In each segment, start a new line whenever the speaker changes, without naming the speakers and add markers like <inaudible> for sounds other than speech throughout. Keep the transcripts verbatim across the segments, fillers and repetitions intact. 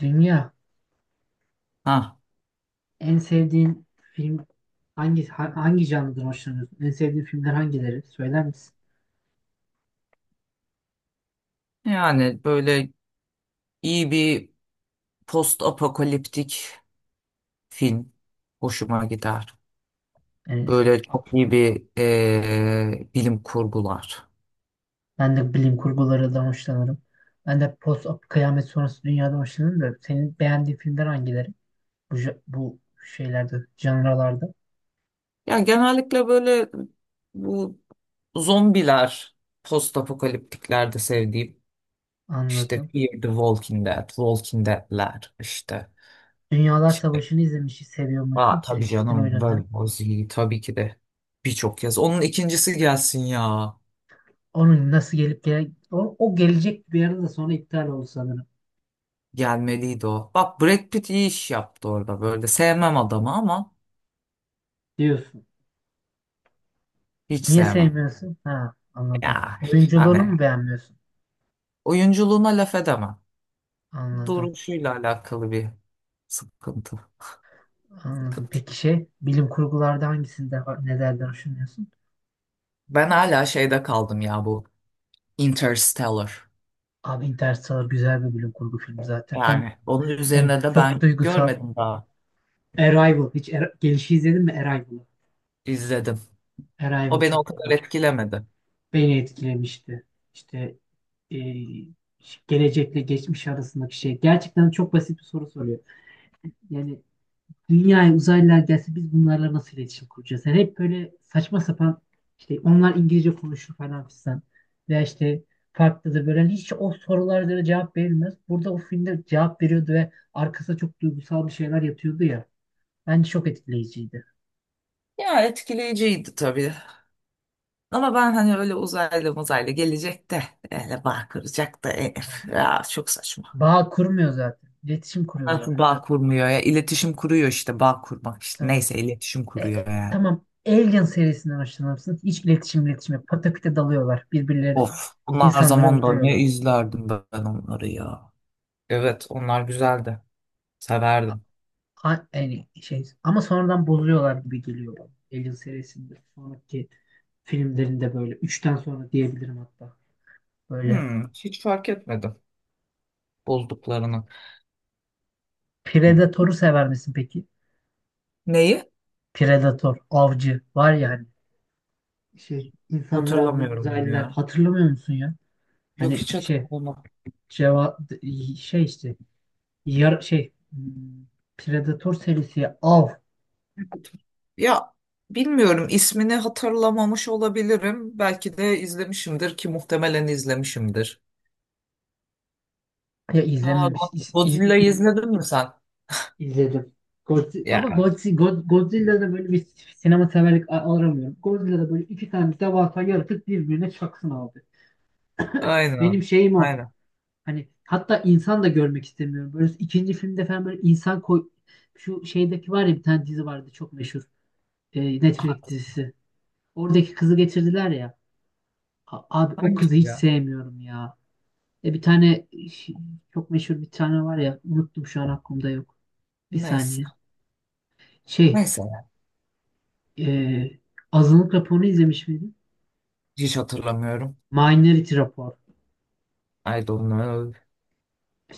Dünya
Ha,
en sevdiğin film hangi ha- hangi canlıdan hoşlanıyorsun? En sevdiğin filmler hangileri? Söyler misin?
yani böyle iyi bir post apokaliptik film hoşuma gider.
Yani
Böyle çok iyi bir eee, bilim kurgular.
ben de bilim kurgularından hoşlanırım. Ben de post kıyamet sonrası dünyadan hoşlanırım da senin beğendiğin filmler hangileri? Bu ja- bu şeylerde, canralarda
Ya genellikle böyle bu zombiler post apokaliptiklerde sevdiğim. İşte
anladım.
Fear the Walking Dead, Walking Dead'ler işte.
Dünyalar
Şey,
Savaşı'nı izlemişi seviyor
aa,
musun? Brad
tabii
Pitt'in
canım World
oynadığı.
War Z tabii ki de birçok kez. Onun ikincisi gelsin ya.
Onun nasıl gelip gele o, o gelecek bir arada sonra iptal oldu sanırım
Gelmeliydi o. Bak Brad Pitt iyi iş yaptı orada böyle. Sevmem adamı ama
diyorsun.
hiç
Niye
sevmem.
sevmiyorsun? Ha anladım.
Ya
Oyunculuğunu mu
hani
beğenmiyorsun?
oyunculuğuna laf edemem.
Anladım.
Duruşuyla alakalı bir sıkıntı.
Anladım.
sıkıntı.
Peki şey bilim kurgularda hangisinde nelerden hoşlanıyorsun?
Ben hala şeyde kaldım ya bu Interstellar.
Abi Interstellar güzel bir bilim kurgu filmi zaten. Hem
Yani onun
hem
üzerine de
çok
ben
duygusal.
görmedim daha.
Arrival. Hiç Ar- gelişi izledin mi Arrival'ı?
İzledim. O
Arrival
beni
çok
o
iyi
kadar
bak.
etkilemedi.
Beni etkilemişti. İşte e, gelecekle geçmiş arasındaki şey. Gerçekten çok basit bir soru soruyor. Yani dünyaya uzaylılar gelse biz bunlarla nasıl iletişim kuracağız? Yani hep böyle saçma sapan işte onlar İngilizce konuşur falan filan veya işte farklı da böyle hani hiç o sorulara göre cevap verilmez. Burada o filmde cevap veriyordu ve arkasında çok duygusal bir şeyler yatıyordu ya. Bence çok etkileyiciydi.
Ya etkileyiciydi tabii. Ama ben hani öyle uzaylı muzaylı gelecek de öyle bağ kıracak da eh, ya çok saçma.
Bağ kurmuyor zaten. İletişim kuruyorlar.
Nasıl bağ kurmuyor ya? İletişim kuruyor işte bağ kurmak işte.
Tamam.
Neyse iletişim
E,
kuruyor
e,
yani.
tamam. Alien serisinden hoşlanır mısınız? Hiç iletişim iletişim yok. Pataküte dalıyorlar. Birbirleri
Of bunlar
insanları
zamanda ne
öldürüyorlar.
izlerdim ben onları ya. Evet onlar güzeldi. Severdim.
A- yani şey ama sonradan bozuyorlar gibi geliyor bana. Alien serisinde sonraki filmlerinde böyle üçten sonra diyebilirim hatta. Böyle
Hmm, hiç fark etmedim bozduklarını.
Predator'u sever misin peki?
Neyi?
Predator, avcı var ya hani şey insanları avlayan
Hatırlamıyorum
uzaylılar
ya.
hatırlamıyor musun ya?
Yok
Hani
hiç
şey
hatırlamam.
ceva şey işte yar şey hmm, Predator serisi av
Ya bilmiyorum ismini hatırlamamış olabilirim. Belki de izlemişimdir ki muhtemelen izlemişimdir.
ya
Ha,
izlememiş
Go-
iz,
Godzilla'yı
iz-
izledin mi sen?
İzledim. Godzi- ama
Ya.
Godzi- God- Godzilla'da böyle bir sinema severlik a- aramıyorum. Godzilla'da böyle iki tane devasa yaratık birbirine çaksın abi.
Aynen.
Benim şeyim o.
Aynen.
Hani hatta insan da görmek istemiyorum. Böyle ikinci filmde falan böyle insan koy... Şu şeydeki var ya bir tane dizi vardı çok meşhur. E, Netflix dizisi. Oradaki kızı getirdiler ya. A- abi o
Hangisi
kızı hiç
ya?
sevmiyorum ya. E bir tane ş- Çok meşhur bir tane var ya. Unuttum şu an aklımda yok. Bir
Neyse.
saniye. Şey.
Neyse.
e, Azınlık raporunu izlemiş miydin?
Hiç hatırlamıyorum.
Minority rapor.
I don't know.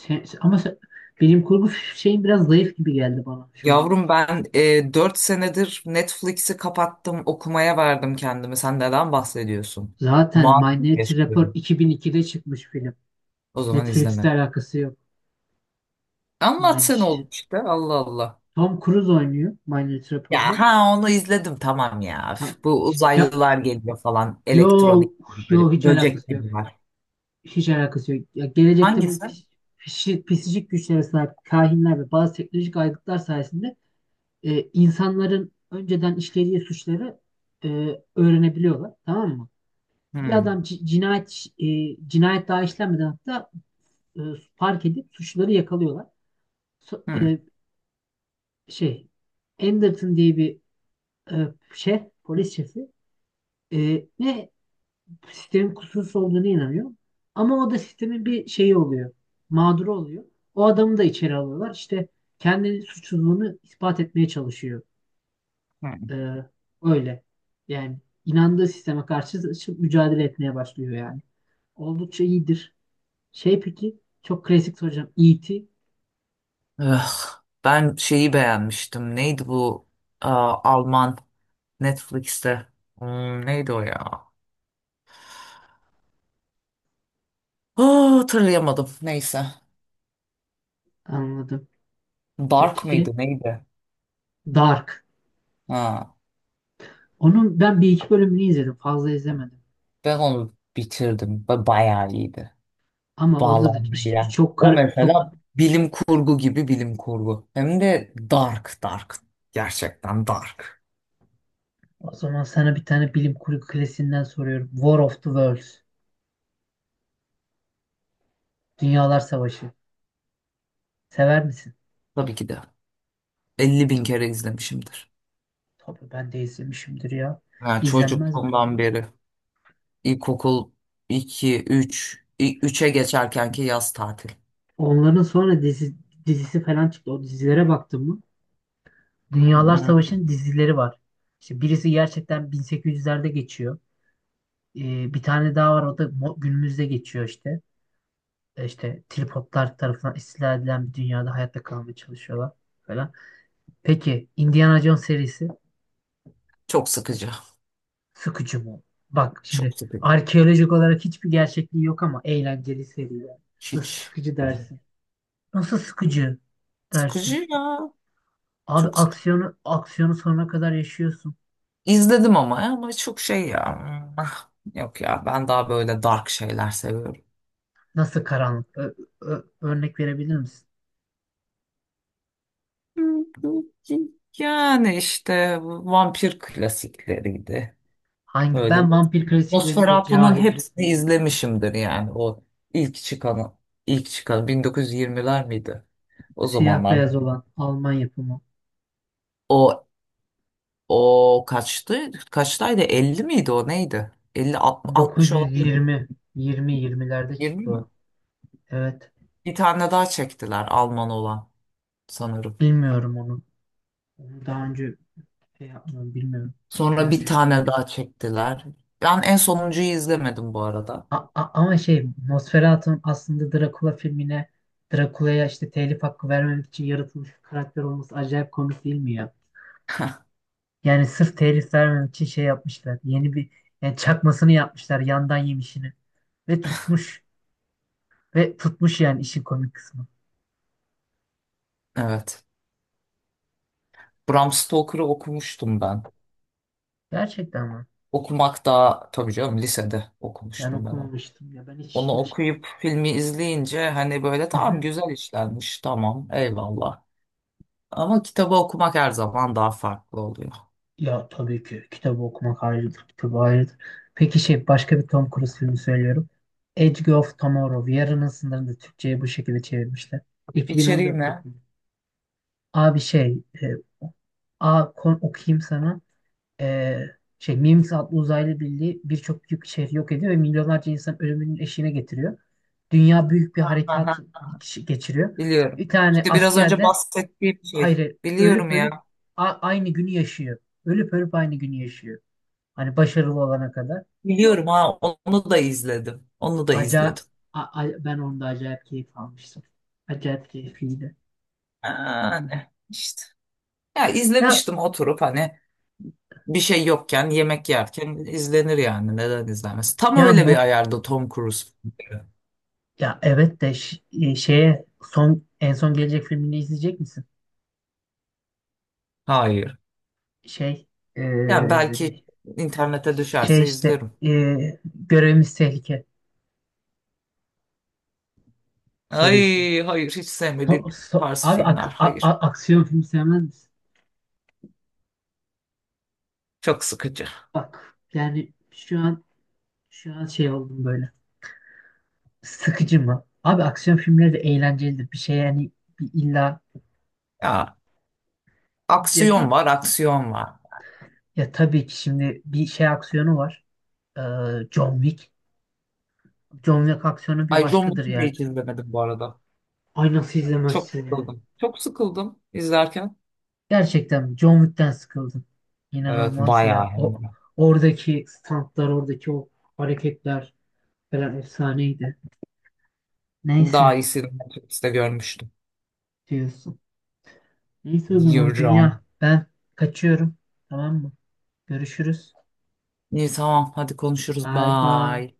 Sen- sen- ama sen- Bilim kurgu şeyin biraz zayıf gibi geldi bana şu an.
Yavrum ben e, dört senedir Netflix'i kapattım. Okumaya verdim kendimi. Sen neden bahsediyorsun?
Zaten
Mağdur
Minority Report
yaşıyorum.
iki bin ikide çıkmış film.
O zaman
Netflix'te
izleme.
alakası yok. Yani
Anlatsana
ş-
oğlum işte. Allah Allah.
Tom Cruise oynuyor Minority
Ya
Report'ta.
ha onu izledim tamam ya. Üf,
Tam,
bu
ya,
uzaylılar geliyor falan. Elektronik
yo,
gibi böyle
Yo hiç
böcek
alakası yok.
gibi var.
Hiç alakası yok. Ya, gelecekte böyle
Hangisi?
pis, pis- pisicik güçlere sahip kahinler ve bazı teknolojik aygıtlar sayesinde e, insanların önceden işlediği suçları e, öğrenebiliyorlar. Tamam mı? Bir
Hmm,
adam ci- cinayet e, cinayet daha işlenmeden hatta e, fark edip suçluları yakalıyorlar. So- e,
hmm,
Şey Anderton diye bir e, şef, polis şefi e, ne sistemin kusursuz olduğuna inanıyor. Ama o da sistemin bir şeyi oluyor. Mağduru oluyor. O adamı da içeri alıyorlar. İşte kendi suçluluğunu ispat etmeye çalışıyor.
hmm.
Ee, Öyle. Yani inandığı sisteme karşı ç- mücadele etmeye başlıyor yani. Oldukça iyidir. Şey peki çok klasik soracağım. E T
Ugh, ben şeyi beğenmiştim. Neydi bu? Aa, Alman. Netflix'te. Hmm, neydi o ya? Aa, hatırlayamadım. Neyse.
anladım.
Dark
Peki
mıydı neydi?
Dark.
Ha,
Onun ben bir iki bölümünü izledim. Fazla izlemedim.
ben onu bitirdim. Ba- Bayağı iyiydi.
Ama orada da iş-
Bağlamıyla.
çok
O
kar- çok
mesela bilim kurgu gibi bilim kurgu. Hem de dark dark. Gerçekten dark.
o zaman sana bir tane bilim kurgu klasiğinden soruyorum. War of the Worlds. Dünyalar Savaşı. Sever misin?
Tabii ki de. Elli bin kere izlemişimdir.
Tabii ben de izlemişimdir ya.
Ha,
İzlenmez mi?
çocukluğumdan beri. İlkokul iki, üç, üçe geçerkenki yaz tatil.
Onların sonra dizi, dizisi falan çıktı. O dizilere baktın mı?
Hı
Dünyalar
hı.
Savaşı'nın dizileri var. İşte birisi gerçekten bin sekiz yüzlerde geçiyor. Ee, bir tane daha var o da mo- günümüzde geçiyor işte. E, İşte tripodlar tarafından istila edilen bir dünyada hayatta kalmaya çalışıyorlar falan. Peki Indiana Jones serisi
Çok sıkıcı.
sıkıcı mı? Bak şimdi
Çok sıkıcı.
arkeolojik olarak hiçbir gerçekliği yok ama eğlenceli seri yani. Nasıl
Hiç.
sıkıcı dersin? Nasıl sıkıcı dersin?
Sıkıcı ya.
Abi
Çok sıkıcı.
aksiyonu aksiyonu sonuna kadar yaşıyorsun.
İzledim ama ya, ama çok şey ya. Ah, yok ya ben daha böyle dark şeyler seviyorum.
Nasıl karanlık? Ö- ö- örnek verebilir misin?
<laughs> Yani işte vampir klasikleriydi.
Hangi?
Böyle
Ben vampir klasiklerinde
Nosferatu'nun
cahilim.
hepsini izlemişimdir yani o ilk çıkanı ilk çıkan bin dokuz yüz yirmiler miydi? O
Siyah beyaz
zamanlarda.
olan Alman yapımı.
O o kaçtı? Kaçtaydı? Elli miydi o neydi? Elli altmış olan
dokuz yüz yirmi yirmi yirmilerde
yirmi
çıktı
mi?
o. Evet.
Bir tane daha çektiler Alman olan sanırım.
Bilmiyorum onu. Onu daha önce şey yapmadım. Bilmiyorum.
Sonra bir
Gerçek.
tane daha çektiler. Ben en sonuncuyu izlemedim bu arada.
A- a- ama şey Nosferatu'nun aslında Dracula filmine Dracula'ya işte telif hakkı vermemek için yaratılmış bir karakter olması acayip komik değil mi ya?
<laughs>
Yani sırf telif vermemek için şey yapmışlar. Yeni bir yani çakmasını yapmışlar yandan yemişini. Ve tutmuş. Ve tutmuş yani işin komik kısmı.
Evet. Bram Stoker'ı okumuştum ben.
Gerçekten mi?
Okumak daha tabii canım lisede
Ben
okumuştum ben onu.
okumamıştım ya ben hiç
Onu
hiç.
okuyup filmi izleyince hani böyle
Hı
tamam
hı.
güzel işlenmiş tamam eyvallah. Ama kitabı okumak her zaman daha farklı oluyor.
Ya tabii ki kitabı okumak ayrıdır, kitabı ayrıdır. Peki şey başka bir Tom Cruise filmi söylüyorum. Edge of Tomorrow, Yarının Sınırında Türkçe'ye bu şekilde çevirmişler.
İçeriği
iki bin on dört
ne?
yapımı. Abi şey, e, a, kon, Okuyayım sana. E, şey, Mimics adlı uzaylı birliği birçok büyük şehri yok ediyor ve milyonlarca insan ölümünün eşiğine getiriyor. Dünya büyük bir
Aha,
harekat iç- geçiriyor.
biliyorum.
Bir tane
İşte biraz
asker
önce
de
bahsettiğim şey.
hayır
Biliyorum
ölüp
ya.
ölüp a- aynı günü yaşıyor. Ölüp ölüp aynı günü yaşıyor. Hani başarılı olana kadar.
Biliyorum ha onu da izledim. Onu da
Aca
izledim.
a- a- Ben onda acayip keyif almıştım. Acayip keyifliydi.
Yani işte. Ya
Ya
izlemiştim oturup hani bir şey yokken yemek yerken izlenir yani neden izlenmez. Tam
ya
öyle bir
mo-
ayarda Tom Cruise filmleri.
ya evet de ş- e, şeye son en son gelecek filmini izleyecek misin?
Hayır.
Şey e,
Yani belki
ne-
internete
şey
düşerse
işte
izlerim.
e, Görevimiz Tehlike serisi.
Ay hayır hiç
So-
sevmediğim
so-
tarz
abi
filmler
ak- a- a-
hayır.
Aksiyon filmi sevmez misin?
Çok sıkıcı.
Bak yani şu an şu an şey oldum böyle. Sıkıcı mı? Abi aksiyon filmleri de eğlencelidir. Bir şey yani bir illa
Ya
ya bir
aksiyon var aksiyon var.
ya Tabii ki şimdi bir şey aksiyonu var. Ee, John Wick. John Wick aksiyonu bir
Ay John
başkadır
Wick'i de
yani.
hiç izlemedim bu arada.
Ay nasıl
Çok
izlemezsin ya?
sıkıldım. Çok sıkıldım izlerken.
Gerçekten John Wick'ten sıkıldım.
Evet
İnanılmaz
bayağı
ya.
hem
O
de.
oradaki stuntlar, oradaki o hareketler falan efsaneydi.
Daha
Neyse
iyisini Netflix'te görmüştüm.
diyorsun. Neyse o zaman dünya
Yürüyorum.
ben kaçıyorum. Tamam mı? Görüşürüz.
İyi tamam hadi konuşuruz.
Bay bay.
Bye.